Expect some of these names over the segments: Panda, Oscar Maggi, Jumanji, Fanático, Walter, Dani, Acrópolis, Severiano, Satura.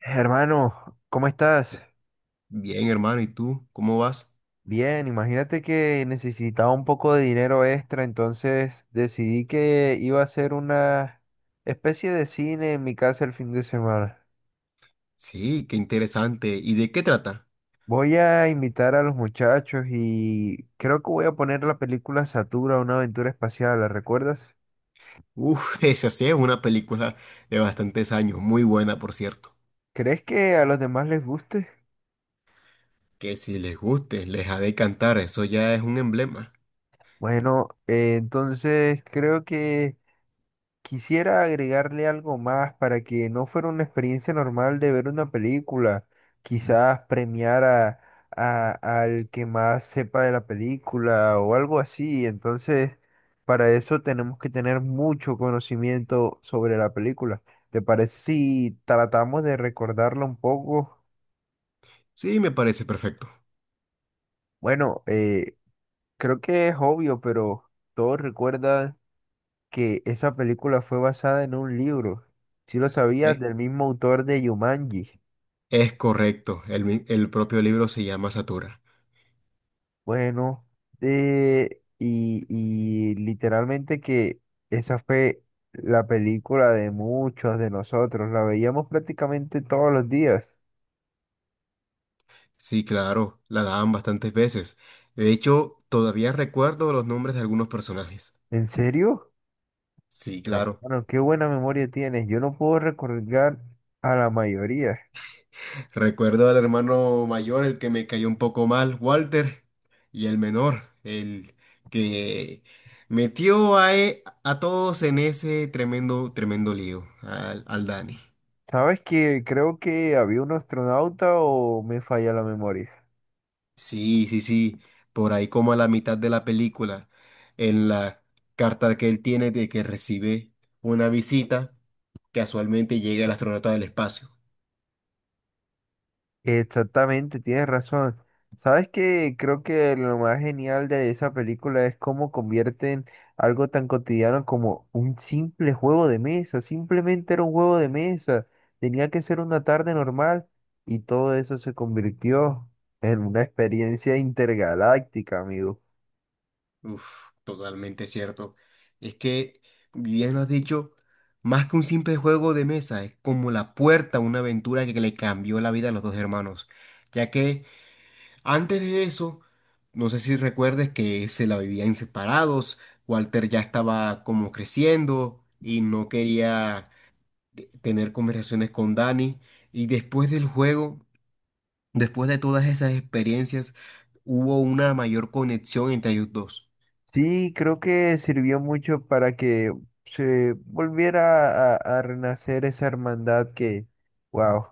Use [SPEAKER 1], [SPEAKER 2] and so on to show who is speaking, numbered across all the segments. [SPEAKER 1] Hermano, ¿cómo estás?
[SPEAKER 2] Bien, hermano, ¿y tú? ¿Cómo vas?
[SPEAKER 1] Bien, imagínate que necesitaba un poco de dinero extra, entonces decidí que iba a hacer una especie de cine en mi casa el fin de semana.
[SPEAKER 2] Sí, qué interesante. ¿Y de qué trata?
[SPEAKER 1] Voy a invitar a los muchachos y creo que voy a poner la película Satura, una aventura espacial, ¿la recuerdas?
[SPEAKER 2] Uf, esa sí es una película de bastantes años, muy buena, por cierto.
[SPEAKER 1] ¿Crees que a los demás les guste?
[SPEAKER 2] Que si les guste, les ha de cantar, eso ya es un emblema.
[SPEAKER 1] Bueno, entonces creo que quisiera agregarle algo más para que no fuera una experiencia normal de ver una película. Quizás premiar al que más sepa de la película o algo así. Entonces, para eso tenemos que tener mucho conocimiento sobre la película. ¿Te parece si tratamos de recordarla un poco?
[SPEAKER 2] Sí, me parece perfecto.
[SPEAKER 1] Bueno, eh, Creo que es obvio, pero todos recuerdan que esa película fue basada en un libro, si lo sabías,
[SPEAKER 2] ¿Eh?
[SPEAKER 1] del mismo autor de Jumanji.
[SPEAKER 2] Es correcto, el propio libro se llama Satura.
[SPEAKER 1] Bueno, y literalmente que esa fue la película de muchos de nosotros, la veíamos prácticamente todos los días.
[SPEAKER 2] Sí, claro, la daban bastantes veces. De hecho, todavía recuerdo los nombres de algunos personajes.
[SPEAKER 1] ¿En serio?
[SPEAKER 2] Sí,
[SPEAKER 1] Pero
[SPEAKER 2] claro.
[SPEAKER 1] bueno, qué buena memoria tienes, yo no puedo recordar a la mayoría.
[SPEAKER 2] Recuerdo al hermano mayor, el que me cayó un poco mal, Walter, y el menor, el que metió a todos en ese tremendo, tremendo lío, al Dani.
[SPEAKER 1] ¿Sabes que creo que había un astronauta o me falla la memoria?
[SPEAKER 2] Sí, sí, sí, por ahí como a la mitad de la película, en la carta que él tiene de que recibe una visita, casualmente llega el astronauta del espacio.
[SPEAKER 1] Exactamente, tienes razón. ¿Sabes qué? Creo que lo más genial de esa película es cómo convierten algo tan cotidiano como un simple juego de mesa. Simplemente era un juego de mesa. Tenía que ser una tarde normal y todo eso se convirtió en una experiencia intergaláctica, amigo.
[SPEAKER 2] Uf, totalmente cierto. Es que, bien lo has dicho, más que un simple juego de mesa, es como la puerta a una aventura que le cambió la vida a los dos hermanos. Ya que antes de eso, no sé si recuerdes que se la vivían separados, Walter ya estaba como creciendo y no quería tener conversaciones con Dani. Y después del juego, después de todas esas experiencias, hubo una mayor conexión entre ellos dos.
[SPEAKER 1] Sí, creo que sirvió mucho para que se volviera a renacer esa hermandad que, wow.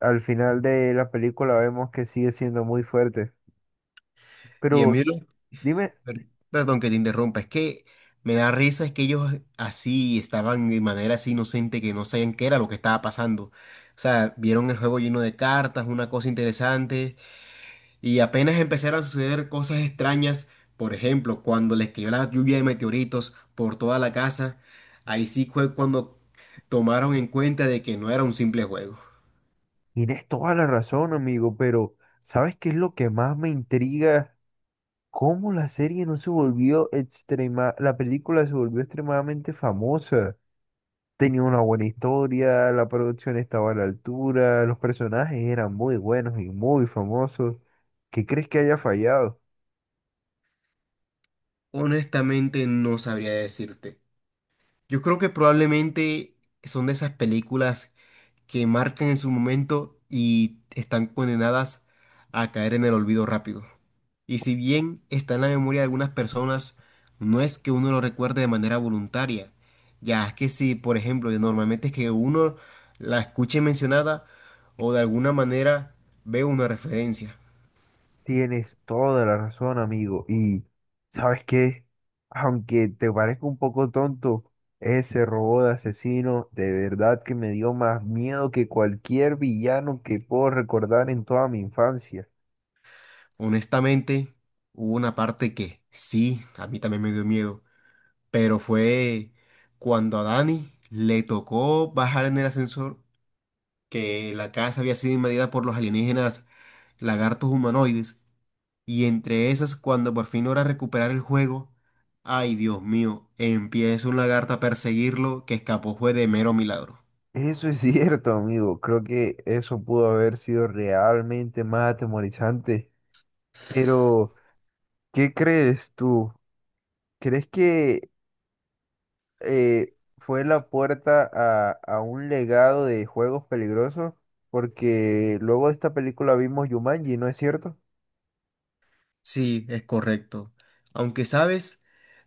[SPEAKER 1] Al final de la película vemos que sigue siendo muy fuerte.
[SPEAKER 2] Y a
[SPEAKER 1] Pero
[SPEAKER 2] mí
[SPEAKER 1] s- Dime,
[SPEAKER 2] Per- Perdón que te interrumpa, es que me da risa, es que ellos así estaban de manera así inocente que no sabían qué era lo que estaba pasando. O sea, vieron el juego lleno de cartas, una cosa interesante, y apenas empezaron a suceder cosas extrañas, por ejemplo, cuando les cayó la lluvia de meteoritos por toda la casa, ahí sí fue cuando tomaron en cuenta de que no era un simple juego.
[SPEAKER 1] tienes toda la razón, amigo, pero ¿sabes qué es lo que más me intriga? ¿Cómo la serie no se volvió extrema, la película se volvió extremadamente famosa? Tenía una buena historia, la producción estaba a la altura, los personajes eran muy buenos y muy famosos. ¿Qué crees que haya fallado?
[SPEAKER 2] Honestamente, no sabría decirte. Yo creo que probablemente son de esas películas que marcan en su momento y están condenadas a caer en el olvido rápido. Y si bien está en la memoria de algunas personas, no es que uno lo recuerde de manera voluntaria. Ya es que si, por ejemplo, y normalmente es que uno la escuche mencionada o de alguna manera ve una referencia.
[SPEAKER 1] Tienes toda la razón, amigo. Y sabes qué, aunque te parezca un poco tonto, ese robot de asesino de verdad que me dio más miedo que cualquier villano que puedo recordar en toda mi infancia.
[SPEAKER 2] Honestamente, hubo una parte que sí, a mí también me dio miedo, pero fue cuando a Dani le tocó bajar en el ascensor que la casa había sido invadida por los alienígenas lagartos humanoides, y entre esas, cuando por fin logra recuperar el juego, ay Dios mío, empieza un lagarto a perseguirlo que escapó fue de mero milagro.
[SPEAKER 1] Eso es cierto, amigo. Creo que eso pudo haber sido realmente más atemorizante. Pero, ¿qué crees tú? ¿Crees que fue la puerta a un legado de juegos peligrosos, porque luego de esta película vimos Jumanji, ¿no es cierto?
[SPEAKER 2] Sí, es correcto. Aunque sabes,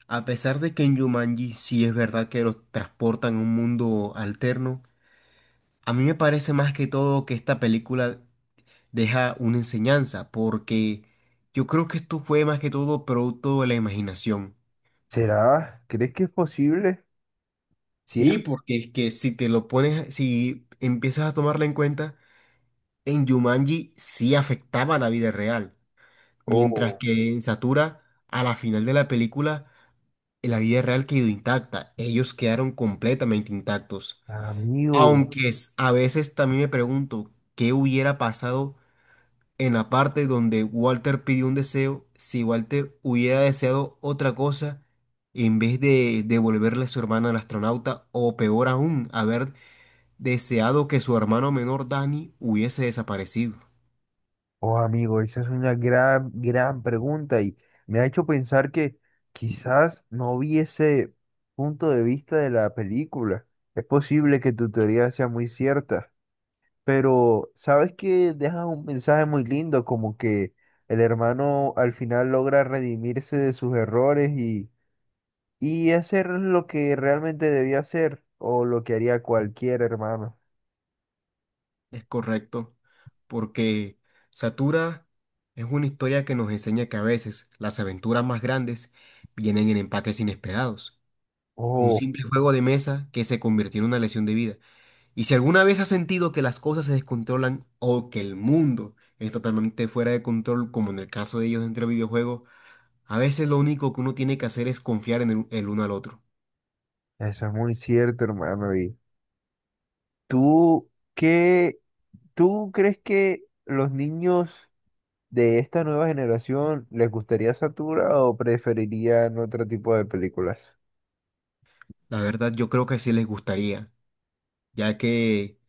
[SPEAKER 2] a pesar de que en Jumanji sí es verdad que los transportan a un mundo alterno, a mí me parece más que todo que esta película deja una enseñanza, porque yo creo que esto fue más que todo producto de la imaginación.
[SPEAKER 1] ¿Será? ¿Crees que es posible?
[SPEAKER 2] Sí,
[SPEAKER 1] ¿Cien?
[SPEAKER 2] porque es que si te lo pones, si empiezas a tomarla en cuenta, en Jumanji sí afectaba a la vida real, mientras
[SPEAKER 1] Oh,
[SPEAKER 2] que en Satura, a la final de la película, la vida real quedó intacta, ellos quedaron completamente intactos.
[SPEAKER 1] amigo,
[SPEAKER 2] A veces también me pregunto qué hubiera pasado en la parte donde Walter pidió un deseo, si Walter hubiera deseado otra cosa en vez de devolverle a su hermana al astronauta, o peor aún, haber deseado que su hermano menor Dani hubiese desaparecido.
[SPEAKER 1] oh, amigo, esa es una gran, gran pregunta y me ha hecho pensar que quizás no vi ese punto de vista de la película. Es posible que tu teoría sea muy cierta. Pero sabes que dejas un mensaje muy lindo, como que el hermano al final logra redimirse de sus errores y hacer lo que realmente debía hacer o lo que haría cualquier hermano.
[SPEAKER 2] Es correcto, porque Satura es una historia que nos enseña que a veces las aventuras más grandes vienen en empates inesperados. Un
[SPEAKER 1] Oh,
[SPEAKER 2] simple juego de mesa que se convirtió en una lesión de vida. Y si alguna vez has sentido que las cosas se descontrolan o que el mundo es totalmente fuera de control, como en el caso de ellos entre videojuegos, a veces lo único que uno tiene que hacer es confiar en el uno al otro.
[SPEAKER 1] eso es muy cierto, hermano. ¿Y tú qué, tú crees que los niños de esta nueva generación les gustaría Satura o preferirían otro tipo de películas?
[SPEAKER 2] La verdad, yo creo que sí les gustaría, ya que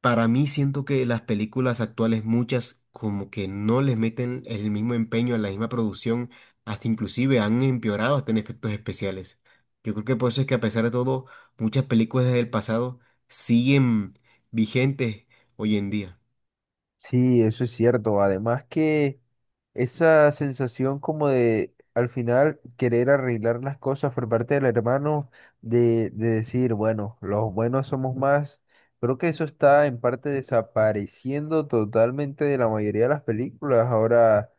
[SPEAKER 2] para mí siento que las películas actuales, muchas como que no les meten el mismo empeño a la misma producción, hasta inclusive han empeorado hasta en efectos especiales. Yo creo que por eso es que a pesar de todo, muchas películas del pasado siguen vigentes hoy en día.
[SPEAKER 1] Sí, eso es cierto. Además que esa sensación como de al final querer arreglar las cosas por parte del hermano, de decir, bueno, los buenos somos más, creo que eso está en parte desapareciendo totalmente de la mayoría de las películas. Ahora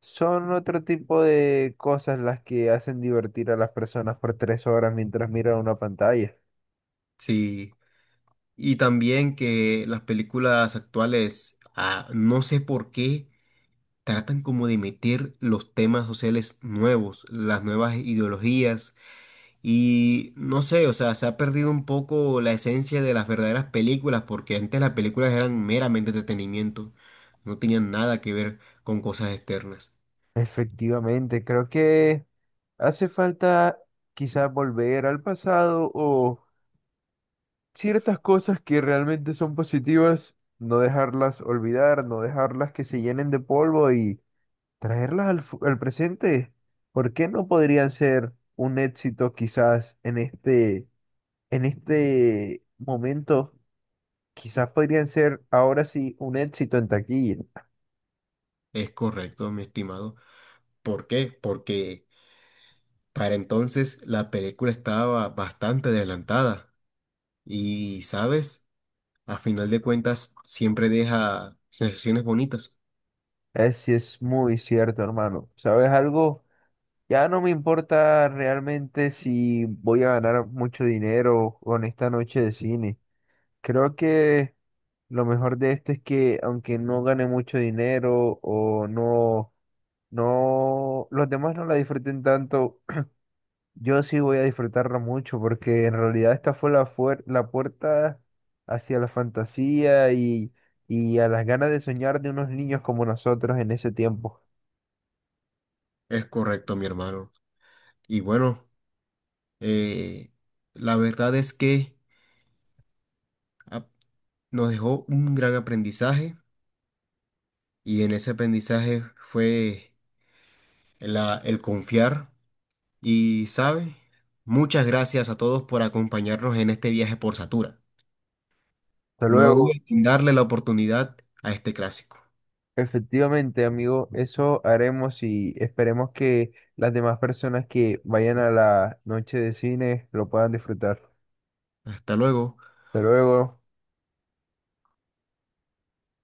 [SPEAKER 1] son otro tipo de cosas las que hacen divertir a las personas por tres horas mientras miran una pantalla.
[SPEAKER 2] Sí, y también que las películas actuales, no sé por qué, tratan como de meter los temas sociales nuevos, las nuevas ideologías. Y no sé, o sea, se ha perdido un poco la esencia de las verdaderas películas, porque antes las películas eran meramente entretenimiento, no tenían nada que ver con cosas externas.
[SPEAKER 1] Efectivamente, creo que hace falta quizás volver al pasado o ciertas cosas que realmente son positivas, no dejarlas olvidar, no dejarlas que se llenen de polvo y al presente. ¿Por qué no podrían ser un éxito quizás en este momento? Quizás podrían ser ahora sí un éxito en taquilla.
[SPEAKER 2] Es correcto, mi estimado. ¿Por qué? Porque para entonces la película estaba bastante adelantada y, ¿sabes? A final de cuentas, siempre deja sensaciones bonitas.
[SPEAKER 1] Así es muy cierto, hermano. ¿Sabes algo? Ya no me importa realmente si voy a ganar mucho dinero con esta noche de cine. Creo que lo mejor de esto es que aunque no gane mucho dinero o no, no, los demás no la disfruten tanto, yo sí voy a disfrutarla mucho porque en realidad esta fue la, fuer- la puerta hacia la fantasía y a las ganas de soñar de unos niños como nosotros en ese tiempo.
[SPEAKER 2] Es correcto, mi hermano. Y bueno, eh, la verdad es que... ah, nos dejó un gran aprendizaje y en ese aprendizaje fue el confiar y, ¿sabe? Muchas gracias a todos por acompañarnos en este viaje por Satura.
[SPEAKER 1] Hasta
[SPEAKER 2] No
[SPEAKER 1] luego.
[SPEAKER 2] duden en darle la oportunidad a este clásico.
[SPEAKER 1] Efectivamente, amigo, eso haremos y esperemos que las demás personas que vayan a la noche de cine lo puedan disfrutar.
[SPEAKER 2] Hasta luego.
[SPEAKER 1] Hasta luego.